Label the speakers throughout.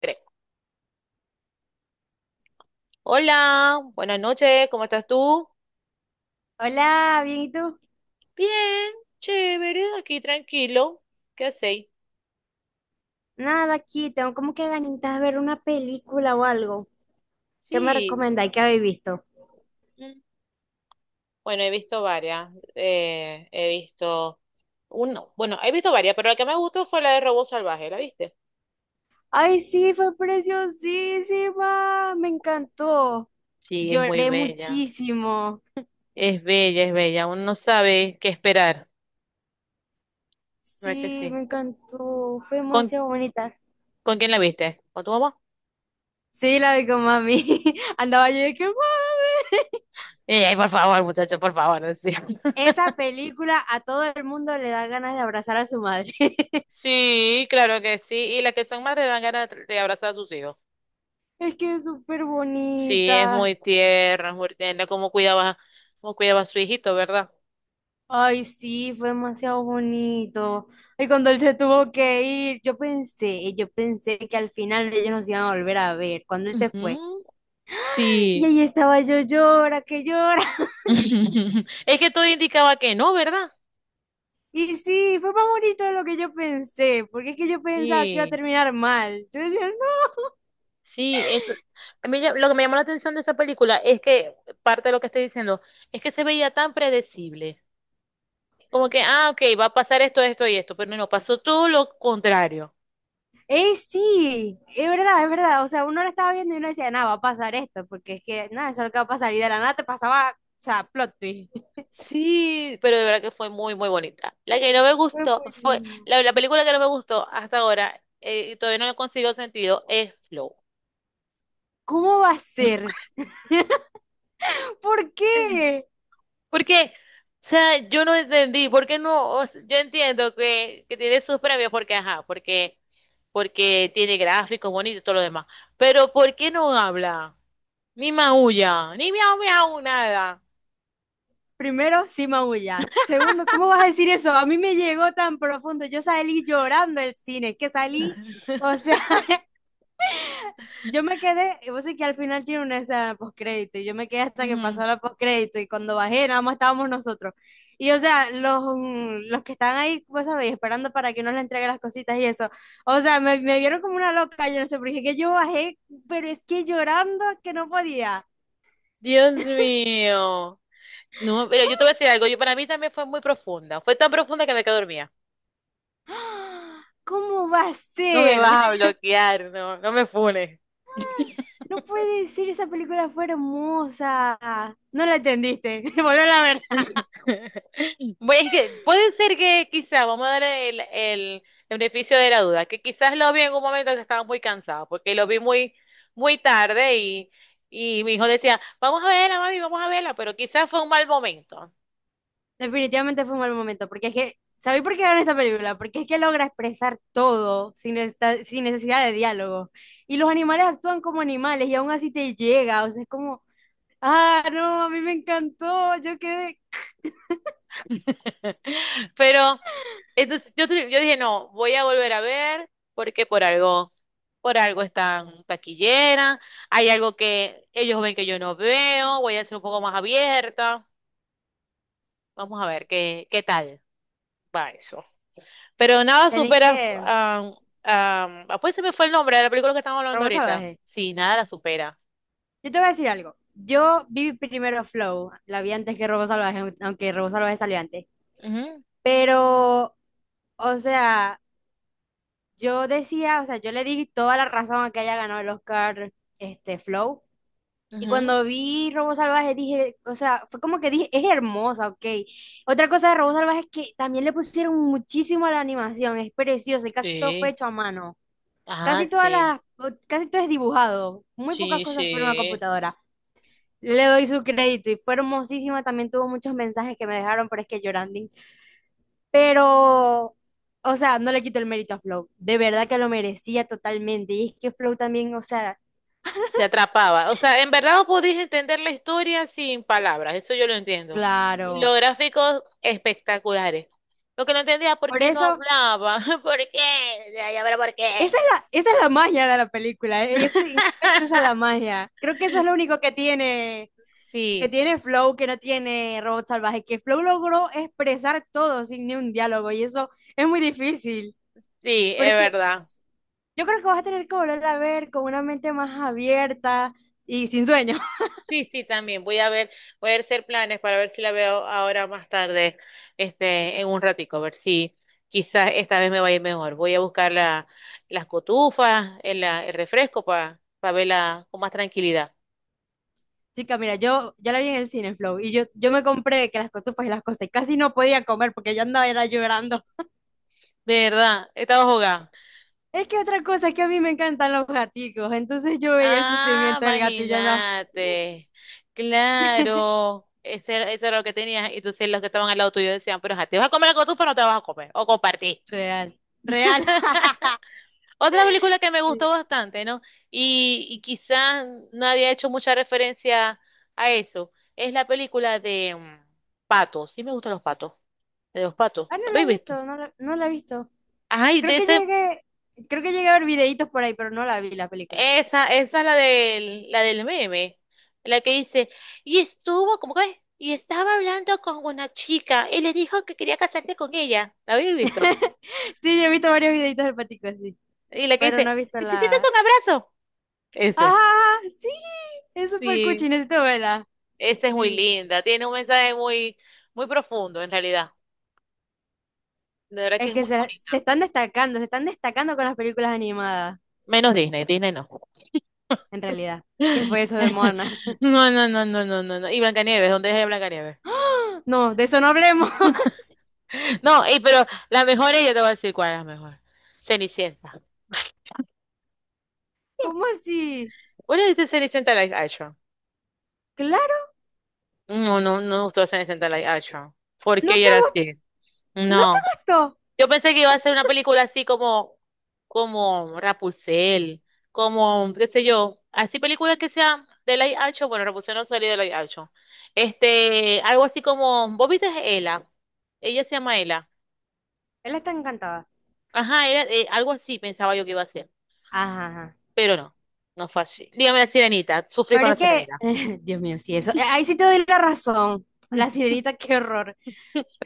Speaker 1: Tres. Hola, buenas noches, ¿cómo estás tú?
Speaker 2: Hola, bien, ¿y tú?
Speaker 1: Bien, chévere, aquí tranquilo. ¿Qué hacéis?
Speaker 2: Nada, aquí tengo como que ganitas de ver una película o algo. ¿Qué me
Speaker 1: Sí.
Speaker 2: recomendáis que habéis visto?
Speaker 1: mm. Bueno, he visto varias. He visto uno. Bueno, he visto varias, pero la que me gustó fue la de Robo Salvaje, ¿la viste?
Speaker 2: Ay, sí, fue preciosísima, me encantó.
Speaker 1: Sí, es muy
Speaker 2: Lloré
Speaker 1: bella.
Speaker 2: muchísimo.
Speaker 1: Es bella, es bella. Uno no sabe qué esperar. ¿Verdad que
Speaker 2: Sí,
Speaker 1: sí?
Speaker 2: me encantó, fue
Speaker 1: ¿Con,
Speaker 2: demasiado bonita.
Speaker 1: ¿Con quién la viste? ¿Con tu mamá?
Speaker 2: Sí, la vi con mami. Andaba yo de que, "Mami".
Speaker 1: Ey, ay, por favor, muchacho, por favor. Sí.
Speaker 2: Esa película a todo el mundo le da ganas de abrazar a su madre.
Speaker 1: Sí, claro que sí. Y las que son madres dan ganas de abrazar a sus hijos.
Speaker 2: Es que es súper
Speaker 1: Sí,
Speaker 2: bonita.
Speaker 1: es muy tierna, como cuidaba a su hijito, ¿verdad?
Speaker 2: Ay, sí, fue demasiado bonito. Y cuando él se tuvo que ir, yo pensé que al final ellos nos iban a volver a ver cuando él se fue.
Speaker 1: Ujú,
Speaker 2: Y
Speaker 1: sí.
Speaker 2: ahí estaba yo, llora, que llora.
Speaker 1: Es que todo indicaba que no, ¿verdad?
Speaker 2: Y sí, fue más bonito de lo que yo pensé, porque es que yo pensaba que iba a
Speaker 1: Sí,
Speaker 2: terminar mal. Yo decía, no.
Speaker 1: sí. Lo que me llamó la atención de esa película es que, parte de lo que estoy diciendo, es que se veía tan predecible. Como que, ah, ok, va a pasar esto, esto y esto, pero no, pasó todo lo contrario.
Speaker 2: Sí, es verdad, es verdad. O sea, uno lo estaba viendo y uno decía, nada, va a pasar esto, porque es que, nada, eso es lo que va a pasar. Y de la nada te pasaba, o sea, plot twist.
Speaker 1: Sí, pero de verdad que fue muy, muy bonita. La que no me
Speaker 2: Fue
Speaker 1: gustó
Speaker 2: muy
Speaker 1: fue,
Speaker 2: lindo.
Speaker 1: la película que no me gustó hasta ahora, y todavía no le consigo sentido, es Flow.
Speaker 2: ¿Cómo va a ser? ¿Por qué?
Speaker 1: Porque, o sea, yo no entendí, ¿por qué no? O sea, yo entiendo que tiene sus premios, porque, ajá, porque, porque tiene gráficos bonitos y todo lo demás. Pero, ¿por qué no habla? Ni maulla, ni miau miau, nada.
Speaker 2: Primero, sí maulla. Segundo, ¿cómo vas a decir eso? A mí me llegó tan profundo. Yo salí llorando del cine, es que salí, o sea, yo me quedé, vos sé que al final tiene una escena postcrédito, y yo me quedé hasta que pasó
Speaker 1: Ujú.
Speaker 2: la postcrédito, y cuando bajé, nada más estábamos nosotros. Y o sea, los, los que están ahí, vos sabéis, esperando para que nos le entregue las cositas y eso. O sea, me vieron como una loca, yo no sé, porque dije que yo bajé, pero es que llorando que no podía.
Speaker 1: Dios mío. No, pero yo te voy a decir algo, yo para mí también fue muy profunda, fue tan profunda que me quedé dormida.
Speaker 2: ¿Cómo va a
Speaker 1: No me
Speaker 2: ser?
Speaker 1: vas a bloquear, no, no me funes.
Speaker 2: No puede ser, esa película fue hermosa. No la entendiste, volver a ver.
Speaker 1: Bueno, es que puede ser que quizás, vamos a dar el beneficio de la duda, que quizás lo vi en un momento que estaba muy cansado, porque lo vi muy, muy tarde y mi hijo decía, vamos a verla, mami, vamos a verla, pero quizás fue un mal momento.
Speaker 2: Definitivamente fue un mal momento, porque es que, ¿sabéis por qué ganó esta película? Porque es que logra expresar todo sin, sin necesidad de diálogo. Y los animales actúan como animales y aún así te llega, o sea, es como, ah, no, a mí me encantó, yo quedé...
Speaker 1: Pero entonces yo, yo dije, no, voy a volver a ver porque por algo están taquillera, hay algo que ellos ven que yo no veo, voy a ser un poco más abierta. Vamos a ver qué, qué tal va eso. Pero nada
Speaker 2: Tenéis
Speaker 1: supera,
Speaker 2: que...
Speaker 1: am, ah, pues se me fue el nombre de la película que estamos hablando
Speaker 2: Robo
Speaker 1: ahorita.
Speaker 2: Salvaje.
Speaker 1: Sí, nada la supera.
Speaker 2: Yo te voy a decir algo. Yo vi primero Flow, la vi antes que Robo Salvaje, aunque Robo Salvaje salió antes.
Speaker 1: Ujú,
Speaker 2: Pero, o sea... Yo decía, o sea, yo le di toda la razón a que haya ganado el Oscar, este, Flow. Y
Speaker 1: ujú.
Speaker 2: cuando vi Robo Salvaje dije, o sea, fue como que dije, es hermosa, ok. Otra cosa de Robo Salvaje es que también le pusieron muchísimo a la animación, es precioso y casi todo fue
Speaker 1: Sí.
Speaker 2: hecho a mano. Casi
Speaker 1: Ah,
Speaker 2: todas
Speaker 1: sí.
Speaker 2: las, casi todo es dibujado, muy pocas
Speaker 1: Sí,
Speaker 2: cosas fueron a
Speaker 1: sí.
Speaker 2: computadora. Le doy su crédito y fue hermosísima, también tuvo muchos mensajes que me dejaron, pero es que llorando pero, o sea, no le quito el mérito a Flow. De verdad que lo merecía totalmente. Y es que Flow también, o sea,
Speaker 1: Te atrapaba. O sea, en verdad vos podías entender la historia sin palabras, eso yo lo entiendo. Y
Speaker 2: Claro.
Speaker 1: los gráficos espectaculares. Lo que no entendía, ¿por
Speaker 2: Por
Speaker 1: qué no
Speaker 2: eso,
Speaker 1: hablaba? ¿Por qué? Ya, ya verá por qué.
Speaker 2: esa es la magia de la película. Es, en efecto, esa es la magia. Creo que eso es lo único que
Speaker 1: Sí,
Speaker 2: tiene Flow, que no tiene Robot Salvaje, que Flow logró expresar todo sin ni un diálogo. Y eso es muy difícil.
Speaker 1: sí,
Speaker 2: Pero
Speaker 1: es
Speaker 2: es que
Speaker 1: verdad.
Speaker 2: yo creo que vas a tener que volver a ver con una mente más abierta y sin sueño.
Speaker 1: Sí, sí, también. Voy a ver, voy a hacer planes para ver si la veo ahora más tarde, este, en un ratico, a ver si quizás esta vez me vaya mejor. Voy a buscar las cotufas, el refresco para verla con más tranquilidad.
Speaker 2: Chica, mira, yo ya la vi en el Cineflow y yo me compré que las cotufas y las cosas y casi no podía comer porque yo andaba era llorando.
Speaker 1: De verdad, estaba jugando.
Speaker 2: Es que otra cosa es que a mí me encantan los gaticos, entonces yo veía el
Speaker 1: Ah,
Speaker 2: sufrimiento del gato y yo andaba,
Speaker 1: imagínate. Claro, ese, eso era lo que tenías. Y entonces los que estaban al lado tuyo decían, pero ajá, ¿te vas a comer la cotufa o no te vas a comer? O compartí.
Speaker 2: real, real.
Speaker 1: Otra película que me
Speaker 2: Sí.
Speaker 1: gustó bastante, ¿no? Y quizás nadie ha hecho mucha referencia a eso. Es la película de Patos. Sí me gustan los patos. De los patos.
Speaker 2: Ah, no
Speaker 1: ¿Lo
Speaker 2: la he
Speaker 1: habéis visto?
Speaker 2: visto, no la he visto.
Speaker 1: Ay,
Speaker 2: Creo
Speaker 1: de
Speaker 2: que
Speaker 1: ese.
Speaker 2: llegué, creo que llegué a ver videitos por ahí, pero no la vi la película.
Speaker 1: Esa es la del meme, la que dice, y estuvo, ¿cómo que es? Y estaba hablando con una chica y le dijo que quería casarse con ella. ¿La habéis visto?
Speaker 2: Sí, yo he visto varios videitos del patico así,
Speaker 1: Y la que
Speaker 2: pero
Speaker 1: dice,
Speaker 2: no he visto
Speaker 1: ¿necesitas
Speaker 2: la...
Speaker 1: un abrazo?
Speaker 2: ¡Ajá!
Speaker 1: Ese.
Speaker 2: Sí, es súper
Speaker 1: Sí,
Speaker 2: cuchi, necesito verla.
Speaker 1: esa es muy
Speaker 2: Sí.
Speaker 1: linda, tiene un mensaje muy, muy profundo en realidad. De verdad que
Speaker 2: Es
Speaker 1: es
Speaker 2: que
Speaker 1: muy bonita.
Speaker 2: se están destacando con las películas animadas,
Speaker 1: Menos Disney, Disney no.
Speaker 2: en realidad. ¿Qué fue eso de Moana?
Speaker 1: No, no, no, no, no, no, no. Y Blancanieves, ¿dónde es Blancanieves?
Speaker 2: No, de eso no hablemos.
Speaker 1: No, y, pero la mejor ella te voy a decir cuál es la mejor. Cenicienta.
Speaker 2: ¿Cómo así?
Speaker 1: ¿Cuál es de Cenicienta Live Action?
Speaker 2: Claro,
Speaker 1: No, no, no me gustó Cenicienta Live Action. ¿Por
Speaker 2: no
Speaker 1: qué
Speaker 2: te
Speaker 1: era
Speaker 2: gustó,
Speaker 1: así?
Speaker 2: no te
Speaker 1: No.
Speaker 2: gustó.
Speaker 1: Yo pensé que iba a ser una película así como, como Rapunzel, como, qué sé yo, así películas que sean de live action. Bueno, Rapunzel no salió de live action. Este, algo así como, ¿vos viste a Ela? Ella se llama Ela.
Speaker 2: Él está encantada.
Speaker 1: Ajá, era, algo así pensaba yo que iba a ser,
Speaker 2: Ajá, ajá.
Speaker 1: pero no, no fue así. Dígame la sirenita, sufrí con
Speaker 2: Pero
Speaker 1: la
Speaker 2: es que,
Speaker 1: sirenita.
Speaker 2: Dios mío, sí, eso. Ahí sí te doy la razón. La sirenita, qué horror.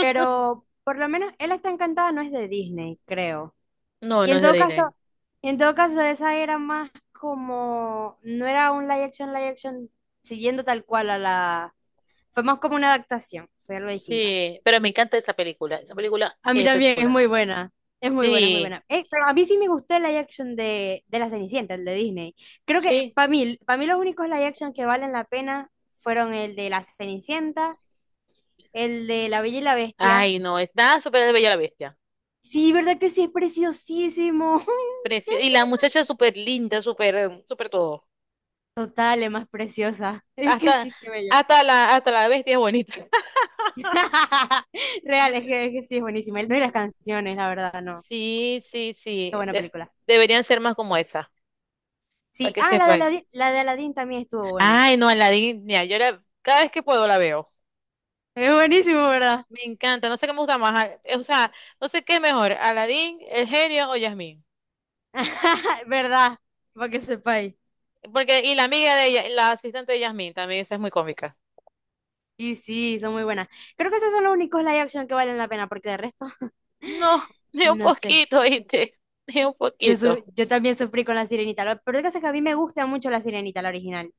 Speaker 2: Pero por lo menos él está encantada, no es de Disney, creo.
Speaker 1: No,
Speaker 2: Y
Speaker 1: no
Speaker 2: en
Speaker 1: es de
Speaker 2: todo
Speaker 1: Disney.
Speaker 2: caso, y en todo caso, esa era más como, no era un live action, siguiendo tal cual a la, fue más como una adaptación, fue algo distinta.
Speaker 1: Sí, pero me encanta esa película. Esa película
Speaker 2: A mí
Speaker 1: es
Speaker 2: también es
Speaker 1: espectacular.
Speaker 2: muy buena, es muy buena, es muy
Speaker 1: Sí,
Speaker 2: buena. Pero a mí sí me gustó el live action de La Cenicienta, el de Disney. Creo que
Speaker 1: sí.
Speaker 2: para mí los únicos live action que valen la pena fueron el de La Cenicienta, el de La Bella y la Bestia.
Speaker 1: Ay, no, es nada súper de Bella la Bestia.
Speaker 2: Sí, ¿verdad que sí? Es preciosísimo.
Speaker 1: Y la muchacha es súper linda, súper, súper todo.
Speaker 2: Total, es más preciosa. Es que
Speaker 1: Hasta,
Speaker 2: sí, que bello.
Speaker 1: hasta hasta la bestia es bonita.
Speaker 2: Real, es que sí, es buenísima. No, y las canciones, la verdad, no.
Speaker 1: Sí, sí,
Speaker 2: Qué
Speaker 1: sí.
Speaker 2: buena película.
Speaker 1: Deberían ser más como esa, para
Speaker 2: Sí,
Speaker 1: que
Speaker 2: ah,
Speaker 1: sepan.
Speaker 2: La de Aladdin también estuvo bueno.
Speaker 1: Ay, no, Aladdin, mira, yo la, cada vez que puedo la veo.
Speaker 2: Es buenísimo, ¿verdad?
Speaker 1: Me encanta, no sé qué me gusta más. O sea, no sé qué es mejor, Aladdin, el genio o Yasmín.
Speaker 2: ¿Verdad? Para que sepáis.
Speaker 1: Porque, y la amiga de ella, la asistente de Yasmín también, esa es muy cómica.
Speaker 2: Y sí, son muy buenas. Creo que esos son los únicos live action que valen la pena, porque de resto,
Speaker 1: No, ni un
Speaker 2: no sé.
Speaker 1: poquito, ¿viste? Ni un
Speaker 2: Yo,
Speaker 1: poquito.
Speaker 2: yo también sufrí con la Sirenita. Pero el caso es que a mí me gusta mucho la Sirenita, la original.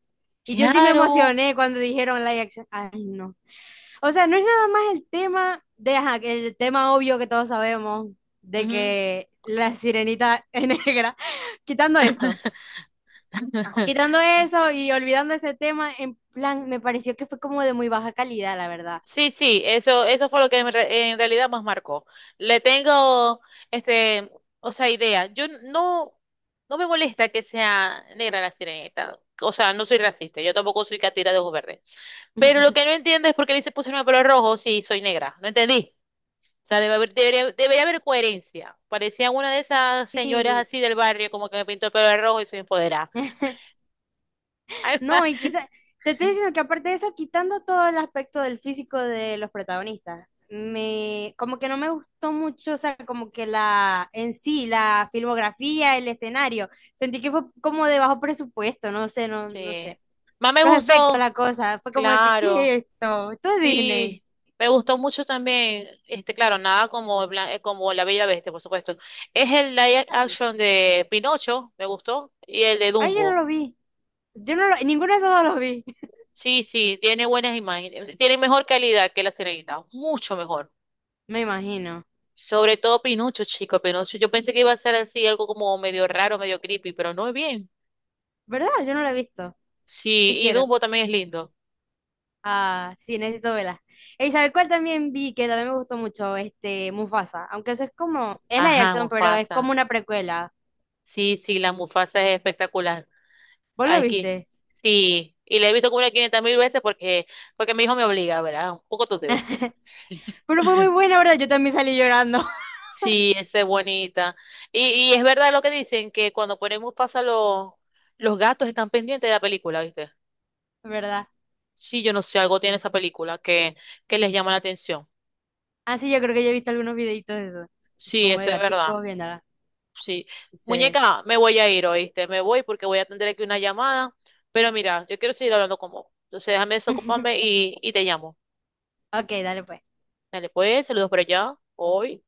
Speaker 2: Y yo sí me
Speaker 1: Claro.
Speaker 2: emocioné cuando dijeron live action. Ay, no. O sea, no es nada más el tema de, ajá, que el tema obvio que todos sabemos, de
Speaker 1: Ujú.
Speaker 2: que la sirenita es negra, quitando esto, quitando eso y olvidando ese tema, en plan, me pareció que fue como de muy baja calidad, la verdad.
Speaker 1: Sí, sí, eso fue lo que en realidad más marcó. Le tengo, este, o sea, idea. Yo no, no me molesta que sea negra la sirenita. O sea, no soy racista, yo tampoco soy catira de ojos verdes. Pero lo que no entiendo es por qué le se pusieron el pelo rojo si soy negra. No entendí. O sea, debe haber, debería, debería haber coherencia. Parecía una de esas señoras
Speaker 2: Sí.
Speaker 1: así del barrio, como que me pintó el pelo de rojo y soy empoderada.
Speaker 2: No, y quita, te estoy diciendo que aparte de eso, quitando todo el aspecto del físico de los protagonistas, me, como que no me gustó mucho, o sea, como que la, en sí, la filmografía, el escenario, sentí que fue como de bajo presupuesto, no sé, no, no
Speaker 1: Sí.
Speaker 2: sé.
Speaker 1: Más me
Speaker 2: Los efectos,
Speaker 1: gustó,
Speaker 2: la cosa, fue como de que, ¿qué
Speaker 1: claro.
Speaker 2: es esto? Esto es Disney.
Speaker 1: Sí, me gustó mucho también, este, claro, nada como, como La Bella y la Bestia, por supuesto. Es el live
Speaker 2: Y sí.
Speaker 1: action de Pinocho, me gustó, y el de
Speaker 2: Ay, yo no
Speaker 1: Dumbo.
Speaker 2: lo vi. Yo no lo, ninguno de esos dos los vi.
Speaker 1: Sí, sí, tiene buenas imágenes, tiene mejor calidad que La Sirenita, mucho mejor.
Speaker 2: Me imagino.
Speaker 1: Sobre todo Pinucho, chico, Pinucho. Yo pensé que iba a ser así, algo como medio raro, medio creepy, pero no es bien.
Speaker 2: ¿Verdad? Yo no lo he visto.
Speaker 1: Sí,
Speaker 2: Si
Speaker 1: y
Speaker 2: quiero.
Speaker 1: Dumbo también es lindo.
Speaker 2: Ah, sí, necesito verla. ¿Y sabe cuál también vi que también me gustó mucho? Este, Mufasa. Aunque eso es como, es la de
Speaker 1: Ajá,
Speaker 2: acción, pero es como
Speaker 1: Mufasa.
Speaker 2: una precuela.
Speaker 1: Sí, sí, la Mufasa es espectacular.
Speaker 2: ¿Vos lo
Speaker 1: Aquí.
Speaker 2: viste?
Speaker 1: Sí, y la he visto como unas 500 mil veces porque, porque mi hijo me obliga, ¿verdad? Un poco tú debes ser.
Speaker 2: Pero fue muy buena, ¿verdad? Yo también salí llorando,
Speaker 1: Sí, esa es bonita. Y, y es verdad lo que dicen, que cuando ponemos pasa los gatos están pendientes de la película, ¿viste?
Speaker 2: ¿verdad?
Speaker 1: Sí, yo no sé, algo tiene esa película que les llama la atención.
Speaker 2: Ah, sí, yo creo que yo he visto algunos videitos de eso.
Speaker 1: Sí,
Speaker 2: Como de
Speaker 1: eso es verdad.
Speaker 2: gaticos viéndola.
Speaker 1: Sí.
Speaker 2: Sí.
Speaker 1: Muñeca, me voy a ir, ¿oíste? Me voy porque voy a atender aquí una llamada. Pero mira, yo quiero seguir hablando con vos. Entonces déjame desocuparme y te llamo.
Speaker 2: Ok, dale pues.
Speaker 1: Dale, pues, saludos por allá. Hoy.